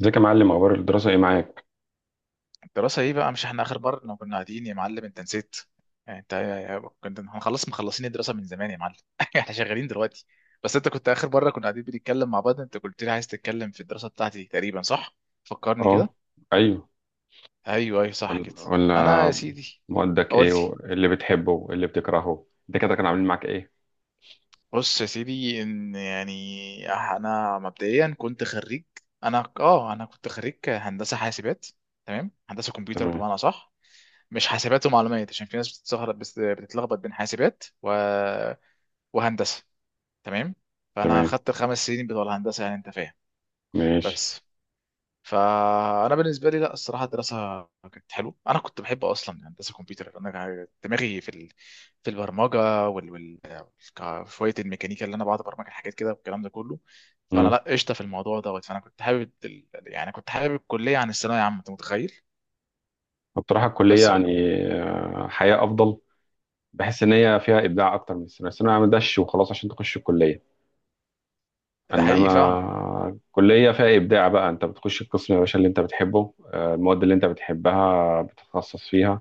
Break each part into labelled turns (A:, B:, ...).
A: ازيك يا معلم اخبار الدراسة ايه معاك؟
B: دراسة ايه بقى؟ مش احنا اخر مرة لما كنا قاعدين يا معلم انت نسيت؟ يعني انت كنت هنخلص مخلصين الدراسة من زمان يا معلم. احنا شغالين دلوقتي. بس انت كنت اخر مرة كنا قاعدين بنتكلم مع بعض انت قلت لي عايز تتكلم في الدراسة بتاعتي تقريبا، صح؟ فكرني كده.
A: اه. ايوه.
B: ايوه ايوه صح
A: ولا،
B: كده. انا يا
A: ولا.
B: سيدي
A: مودك ايه
B: قلت،
A: وايه اللي بتحبه وايه اللي بتكرهه ده كده كانوا عاملين معاك ايه؟
B: بص يا سيدي ان يعني انا مبدئيا كنت خريج. انا كنت خريج هندسة حاسبات. تمام، هندسة كمبيوتر
A: تمام.
B: بمعنى صح، مش حاسبات ومعلومات، عشان في ناس بتتسهر- بس بتتلخبط بين وهندسه. تمام. فانا
A: تمام.
B: خدت الخمس سنين بتوع الهندسه، يعني انت فاهم.
A: ماشي.
B: بس فانا بالنسبه لي، لا الصراحه الدراسه كانت حلوه، انا كنت بحب اصلا هندسه كمبيوتر، انا دماغي في البرمجه وال... وال... ك- شويه الميكانيكا، اللي انا بقعد ابرمج الحاجات كده والكلام ده كله. فانا
A: امم
B: لا قشطه في الموضوع دوت، فانا كنت حابب ال... يعني كنت حابب الكليه عن الثانويه عامه، انت متخيل؟
A: بصراحة الكلية
B: بس بقى.
A: يعني حياة افضل. بحس ان هي فيها ابداع اكتر من الثانوية. الثانوية ما دش وخلاص عشان تخش الكلية.
B: ده حقيقي فعلا.
A: انما الكلية فيها ابداع بقى، انت بتخش القسم يا باشا اللي انت بتحبه، المواد اللي انت بتحبها بتتخصص فيها،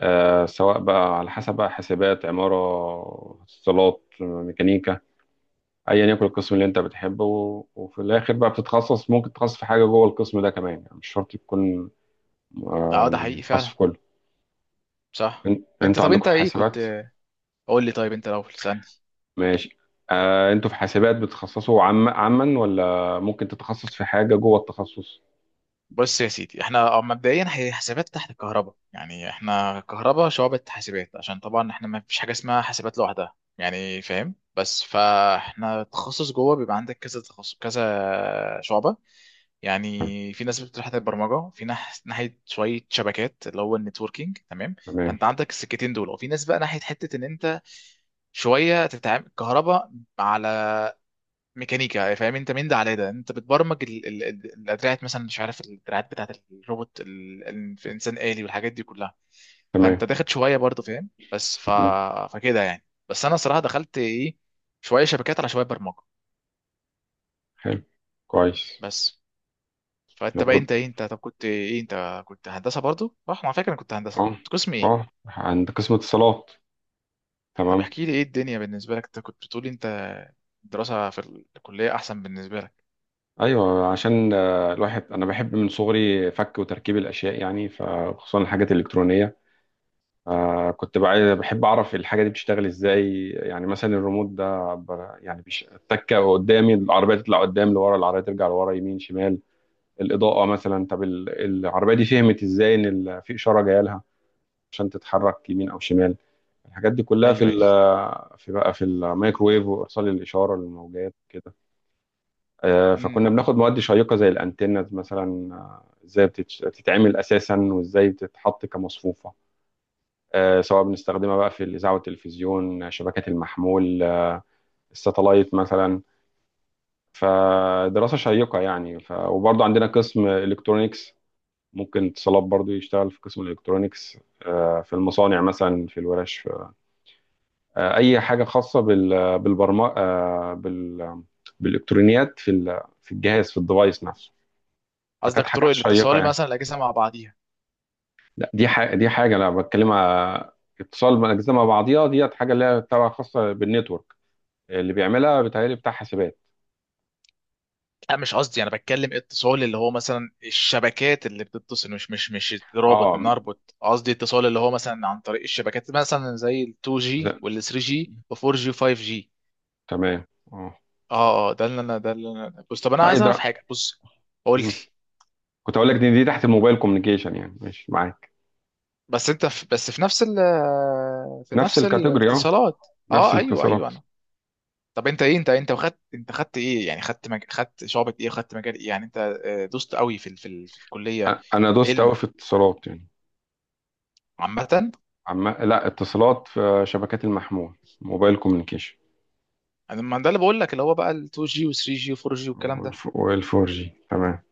A: سواء بقى على حسب بقى حاسبات، عمارة، اتصالات، ميكانيكا، أيا يكن القسم اللي أنت بتحبه، وفي الآخر بقى بتتخصص، ممكن تتخصص في حاجة جوه القسم ده كمان، يعني مش شرط تكون
B: اه ده
A: يعني
B: حقيقي
A: تخصص في
B: فعلا،
A: كله.
B: صح. انت
A: أنتوا
B: طب
A: عندكم
B: انت
A: في
B: ايه كنت؟
A: حاسبات.
B: قول لي طيب، انت لو تسالني.
A: ماشي. أنتوا في حاسبات بتتخصصوا عما، ولا ممكن تتخصص في حاجة جوه التخصص؟
B: بص يا سيدي، احنا اه مبدئيا هي حاسبات تحت كهرباء، يعني احنا كهرباء شعبة حاسبات، عشان طبعا احنا ما فيش حاجه اسمها حاسبات لوحدها، يعني فاهم؟ بس فاحنا تخصص جوه بيبقى عندك كذا تخصص كذا شعبة.
A: طيب،
B: يعني في ناس بتروح ناحية البرمجة، في ناحية شوية شبكات اللي هو النتوركينج، تمام.
A: تمام.
B: فانت عندك السكتين دول، وفي ناس بقى ناحية حتة ان انت شوية تتعامل كهرباء على ميكانيكا، فاهم؟ انت من ده على ده انت بتبرمج الادراعات مثلا، مش عارف، الادراعات بتاعت الانسان آلي والحاجات دي كلها.
A: تمام.
B: فانت داخل شويه برضه، فاهم.
A: مم.
B: فكده يعني. بس انا صراحه دخلت ايه، شويه شبكات على شويه برمجه.
A: حلو. كويس.
B: بس.
A: احنا
B: فانت بقى
A: برضه،
B: انت ايه، انت طب كنت ايه، انت كنت هندسه برضه صح؟ على فكره انا كنت هندسه،
A: اه،
B: كنت قسم ايه؟
A: اه، عند قسم اتصالات.
B: طب
A: تمام.
B: احكي لي ايه الدنيا بالنسبه لك، انت كنت بتقولي انت الدراسه في الكليه احسن بالنسبه لك.
A: ايوه، عشان الواحد انا بحب من صغري فك وتركيب الاشياء يعني، فخصوصا الحاجات الالكترونيه. بحب اعرف الحاجه دي بتشتغل ازاي، يعني مثلا الريموت ده يعني التكه قدامي العربيه تطلع قدام، لورا العربيه ترجع لورا، يمين، شمال، الاضاءه مثلا. طب العربيه دي فهمت ازاي ان في اشاره جايه لها عشان تتحرك يمين او شمال؟ الحاجات دي كلها في
B: ايوه ايوه.
A: ال في بقى في الميكروويف وارسال الاشاره للموجات كده. فكنا
B: امم.
A: بناخد مواد شيقة زي الأنتنز مثلا، ازاي بتتعمل أساسا وازاي بتتحط كمصفوفة، سواء بنستخدمها بقى في الإذاعة والتلفزيون، شبكات المحمول، الساتلايت مثلا. فدراسة شيقة يعني، وبرضه عندنا قسم إلكترونيكس، ممكن اتصالات برضه يشتغل في قسم الإلكترونيكس، في المصانع مثلا، في الورش، أي حاجة خاصة بالبرمجة، بال... بالإلكترونيات في الجهاز، في الديفايس نفسه. فكانت
B: قصدك
A: حاجات
B: طرق
A: شيقة
B: الاتصال
A: يعني.
B: مثلا الاجهزه مع بعضيها؟
A: لا، دي حاجة، دي حاجة أنا بتكلمها، اتصال من أجزاء مع بعضيها. ديت حاجة اللي هي تبع خاصة بالنتورك، اللي بيعملها بيتهيألي بتاع حاسبات.
B: لا مش قصدي، انا بتكلم اتصال اللي هو مثلا الشبكات اللي بتتصل، مش رابط
A: اه.
B: ان اربط، قصدي اتصال اللي هو مثلا عن طريق الشبكات، مثلا زي ال
A: ز-
B: 2G وال 3G و 4G و 5G.
A: تمام. اه.
B: اه, ده اللي انا بص، طب انا
A: أي
B: عايز اعرف
A: ده.
B: حاجه، بص قول لي.
A: مم. كنت أقول لك دي, تحت الموبايل كوميونيكيشن، يعني ماشي معاك.
B: بس انت في بس في نفس ال، في
A: نفس
B: نفس
A: الكاتيجوري، اه،
B: الاتصالات.
A: نفس
B: اه ايوه ايوه
A: الاتصالات.
B: انا. طب انت ايه، انت انت خدت، انت خدت ايه يعني، خدت خدت شعبة ايه، خدت مجال ايه يعني انت؟ آه، دوست قوي في في الكليه.
A: أنا دوست أوي
B: علم
A: في اتصالات يعني،
B: عامه.
A: لا اتصالات في شبكات المحمول، موبايل كوميونيكيشن.
B: انا ما ده اللي بقول لك، اللي هو بقى ال 2G و 3G و 4G والكلام ده.
A: والفور جي. تمام.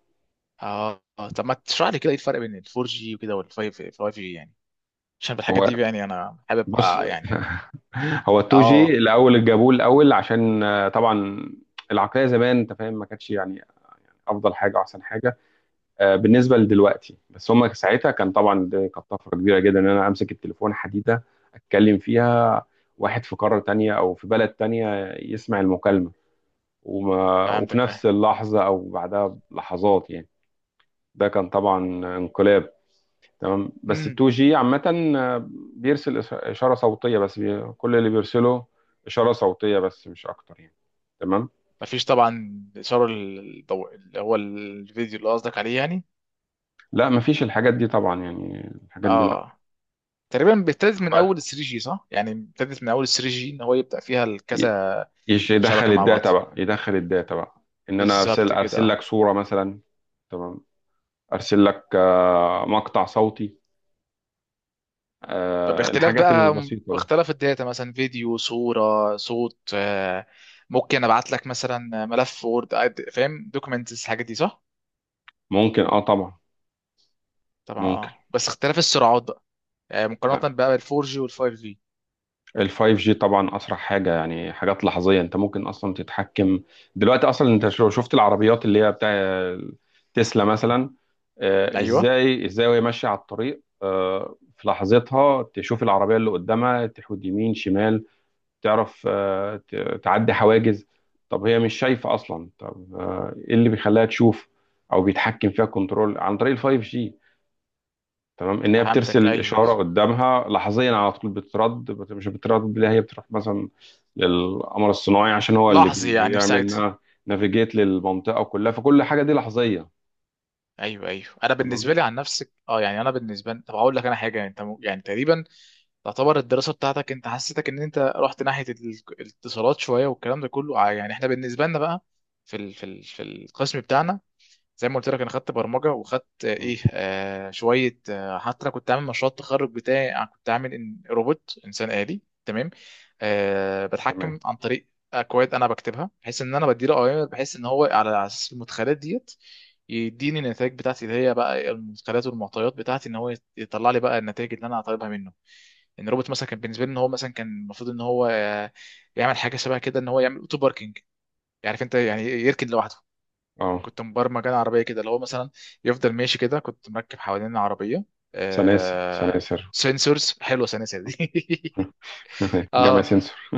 B: اه آه، طب ما تشرح لي كده ايه الفرق بين ال 4G وكده وال 5G يعني، عشان بالحاجات دي يعني انا حابب
A: بص،
B: آه يعني.
A: هو 2G
B: اه
A: الاول اللي جابوه الاول، عشان طبعا العقليه زمان انت فاهم، ما كانتش يعني افضل حاجه واحسن حاجه بالنسبه لدلوقتي، بس هم ساعتها كان طبعا دي كانت طفره كبيره جدا ان انا امسك التليفون حديده اتكلم فيها، واحد في قاره تانية او في بلد تانية يسمع المكالمه، وما، وفي
B: فهمتك اه.
A: نفس اللحظه او بعدها بلحظات يعني. ده كان طبعا انقلاب. تمام. بس ال
B: امم.
A: 2 جي عامة بيرسل إشارة صوتية بس، كل اللي بيرسله إشارة صوتية بس، مش أكتر يعني. تمام.
B: مفيش طبعا اشاره الضوء اللي هو الفيديو اللي قصدك عليه يعني.
A: لا، مفيش الحاجات دي طبعا، يعني الحاجات دي لا.
B: اه تقريبا بيبتدئ من
A: بعد
B: اول 3G صح، يعني بيبتدئ من اول 3G ان هو يبدأ فيها
A: ي-
B: كذا
A: يدخل
B: شبكة مع بعض.
A: الداتا بقى، يدخل الداتا بقى، إن أنا أرسل
B: بالظبط كده
A: أرسل
B: اه.
A: لك صورة مثلا. تمام. أرسل لك مقطع صوتي،
B: طب باختلاف
A: الحاجات
B: بقى،
A: البسيطة دي.
B: باختلاف الداتا مثلا، فيديو، صورة، صوت، آه، ممكن ابعت لك مثلا ملف وورد، فاهم، دوكيومنتس الحاجات دي، صح؟
A: ممكن، أه، طبعا
B: طبعا اه
A: ممكن.
B: آه. بس اختلاف السرعات بقى، آه، مقارنة بقى بالفور جي والفايف جي.
A: الفايف جي طبعا اسرع حاجه يعني، حاجات لحظيه، انت ممكن اصلا تتحكم. دلوقتي اصلا انت لو شفت العربيات اللي هي بتاع تسلا مثلا،
B: ايوه
A: ازاي، ازاي وهي ماشيه على الطريق في لحظتها تشوف العربيه اللي قدامها تحود يمين شمال، تعرف، تعدي حواجز. طب هي مش شايفه اصلا، طب ايه اللي بيخليها تشوف او بيتحكم فيها كنترول؟ عن طريق الفايف جي. تمام، ان هي
B: فهمتك.
A: بترسل
B: ايوه ايوه.
A: اشاره قدامها لحظيا على طول، مش بترد، لا هي بتروح مثلا للقمر الصناعي عشان هو اللي
B: لحظي يعني في
A: بيعمل
B: ساعتها.
A: نافيجيت للمنطقه كلها، فكل حاجه دي لحظيه.
B: ايوه ايوه. انا
A: تمام.
B: بالنسبه لي عن نفسك اه يعني، انا بالنسبه لي، طب اقول لك انا حاجه، يعني تقريبا تعتبر الدراسه بتاعتك انت، حسيتك ان انت رحت الاتصالات شويه والكلام ده كله. آه، يعني احنا بالنسبه لنا بقى في القسم بتاعنا، زي ما قلت لك انا خدت برمجه، وخدت آه،
A: مم.
B: ايه آه شويه آه، حتى انا كنت عامل مشروع التخرج بتاعي، أنا كنت عامل إن روبوت انسان آلي، تمام، آه
A: تمام.
B: بتحكم عن طريق اكواد انا بكتبها، بحيث ان انا بديله اوامر، بحيث ان هو على اساس المدخلات ديت يديني النتائج بتاعتي، اللي هي بقى المدخلات والمعطيات بتاعتي ان هو يطلع لي بقى النتائج اللي انا طالبها منه. ان الروبوت مثلا كان بالنسبه لي ان هو مثلا كان المفروض ان هو آه، يعمل حاجه شبه كده، ان هو يعمل اوتو باركينج، عارف انت؟ يعني يركن لوحده.
A: اه.
B: كنت مبرمج انا عربيه كده اللي هو مثلا يفضل ماشي كده، كنت مركب حوالين العربيه
A: سلاسل،
B: آه...
A: سلاسل.
B: سنسورز، حلوه سنسة دي.
A: جمع
B: اه،
A: سنسور.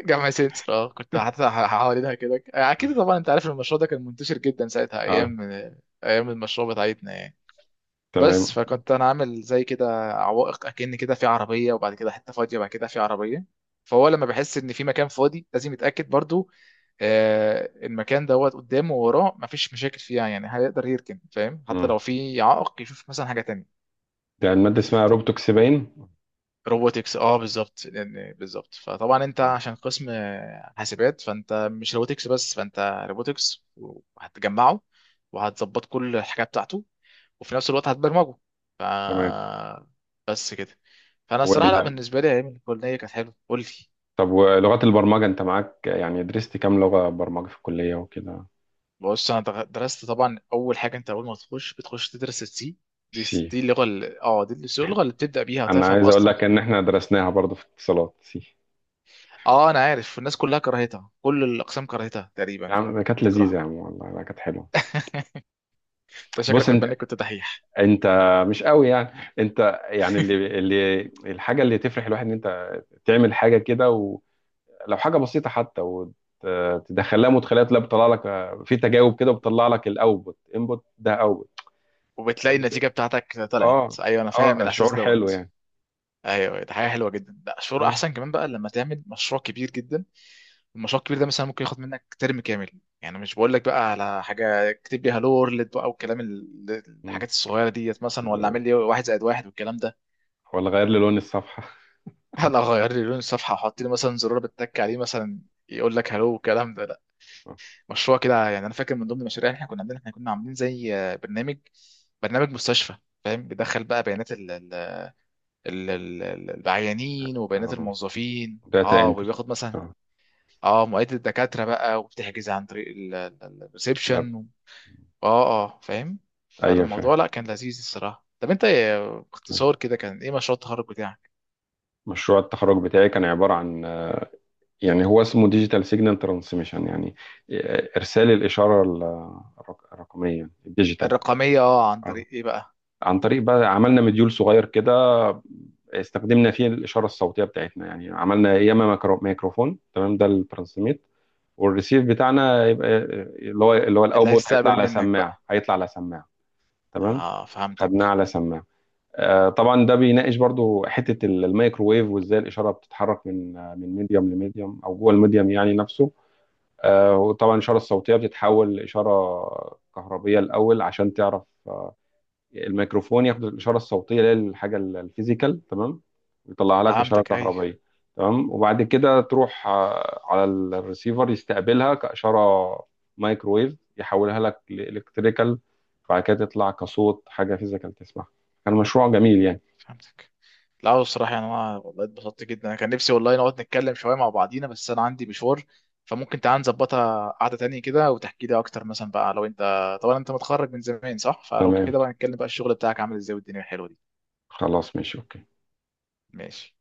B: جمع سنسور اه، كنت حوالينها كده، اكيد طبعا انت عارف المشروع ده كان منتشر جدا ساعتها،
A: اه.
B: ايام آه، ايام المشروع بتاعتنا يعني. بس
A: تمام.
B: فكنت انا عامل زي كده عوائق، اكن كده في عربيه وبعد كده حته فاضيه، بعد كده في عربيه، فهو لما بحس ان في مكان فاضي لازم يتاكد برضو آه المكان دوت قدامه ووراه مفيش مشاكل فيها، يعني هيقدر يركن، فاهم؟ حتى
A: مم.
B: لو في عائق يشوف مثلا حاجه تانية.
A: ده الماده اسمها
B: ف-
A: روبتوكس باين.
B: روبوتكس اه، بالظبط يعني بالظبط، فطبعا انت
A: آه.
B: عشان قسم آه، حاسبات، فانت مش روبوتكس بس، فانت روبوتكس وهتجمعه، وهتظبط كل الحاجه بتاعته، وفي نفس الوقت هتبرمجه. ف
A: تمام.
B: بس كده. فانا الصراحه لا
A: ولا.
B: بالنسبه لي ايام الكليه كانت حلوه. قول لي،
A: طب ولغات البرمجه انت معاك؟ يعني درست كام لغه برمجه في الكليه وكده؟
B: بص انا درست طبعا، اول حاجه انت اول ما تخش بتخش تدرس السي دي،
A: سي.
B: دي اللغه ال- اه دي اللغه اللي بتبدا بيها
A: انا
B: وتفهم
A: عايز اقول
B: اصلا.
A: لك ان احنا درسناها برضو في اتصالات، سي.
B: اه انا عارف، الناس كلها كرهتها، كل الاقسام كرهتها
A: يا
B: تقريبا،
A: عم
B: كانت
A: كانت لذيذه،
B: بتكرهها.
A: يا عم والله لا كانت حلوه.
B: انت شكلك
A: بص
B: كنت
A: انت
B: بانك كنت دحيح.
A: انت مش قوي يعني، انت يعني اللي الحاجه اللي تفرح الواحد ان انت تعمل حاجه كده، ولو حاجه بسيطه حتى، وتدخلها مدخلات لا بتطلع لك في تجاوب كده، بتطلع لك الاوتبوت، انبوت ده اوتبوت.
B: وبتلاقي
A: بت-
B: النتيجه بتاعتك طلعت،
A: اه،
B: ايوه انا فاهم
A: اه،
B: الاحساس
A: شعور حلو
B: دوت.
A: يعني.
B: ايوه ده حاجه حلوه جدا، لا شعور
A: مم.
B: احسن كمان بقى لما تعمل مشروع كبير جدا. المشروع الكبير ده مثلا ممكن ياخد منك ترم كامل، يعني مش بقول لك بقى على حاجه اكتب لي هالو وورلد بقى والكلام
A: مم.
B: الحاجات الصغيره ديت مثلا، ولا
A: حلو.
B: اعمل لي واحد زائد واحد والكلام ده.
A: ولا غير لي لون الصفحه.
B: ولا غير لي لون الصفحه، وحط لي مثلا زرار بتك عليه مثلا يقول لك هالو والكلام ده، لا مشروع كده يعني. انا فاكر من ضمن المشاريع اللي احنا كنا عاملينها، احنا كنا عاملين زي آه، برنامج مستشفى، فاهم؟ بيدخل بقى بيانات العيانين وبيانات
A: اه.
B: الموظفين
A: داتا
B: اه،
A: انتر.
B: وبياخد مثلا
A: اه.
B: اه مواعيد الدكاتره بقى، وبتحجز عن طريق
A: لا.
B: الريسبشن. اه اه فاهم.
A: ايوه فاهم.
B: فالموضوع لا كان لذيذ الصراحه. طب انت باختصار كده كان ايه مشروع التخرج بتاعك؟
A: مشروع التخرج بتاعي كان عبارة عن، يعني هو اسمه ديجيتال سيجنال ترانسميشن، يعني إرسال الإشارة الرقمية، الديجيتال.
B: الرقميه اه، عن
A: آه.
B: طريق ايه بقى؟
A: عن طريق بقى عملنا مديول صغير كده، استخدمنا فيه الإشارة الصوتية بتاعتنا، يعني عملنا ياما ميكروفون، تمام، ده الترانسميت، والريسيف بتاعنا يبقى اللي هو
B: اللي
A: الأوتبوت هيطلع
B: هيستقبل
A: على
B: منك
A: سماعة
B: بقى.
A: هيطلع على سماعة تمام،
B: اه
A: خدناه
B: فهمتك.
A: على سماعة. طبعا ده بيناقش برضو حته الميكروويف، وازاي الاشاره بتتحرك من من ميديوم لميديوم او جوه الميديوم يعني نفسه. وطبعا الاشاره الصوتيه بتتحول لاشاره كهربيه الاول، عشان تعرف الميكروفون ياخد الاشاره الصوتيه اللي هي الحاجه الفيزيكال، تمام، ويطلع لك اشاره
B: فهمتك ايوه.
A: كهربيه. تمام، وبعد كده تروح على الريسيفر يستقبلها كاشاره مايكروويف، يحولها لك لالكتريكال، وبعد كده تطلع كصوت، حاجه فيزيكال تسمعها. كان مشروع جميل يعني.
B: فهمتك. لا هو الصراحه يعني انا والله اتبسطت جدا، انا كان نفسي والله نقعد نتكلم شويه مع بعضينا، بس انا عندي مشوار. فممكن تعال نظبطها قعده تانية كده وتحكي لي اكتر مثلا بقى لو انت، طبعا انت متخرج من زمان صح؟ فلو
A: تمام،
B: كده بقى نتكلم بقى الشغل بتاعك عامل ازاي والدنيا الحلوه دي.
A: خلاص ماشي، اوكي.
B: ماشي.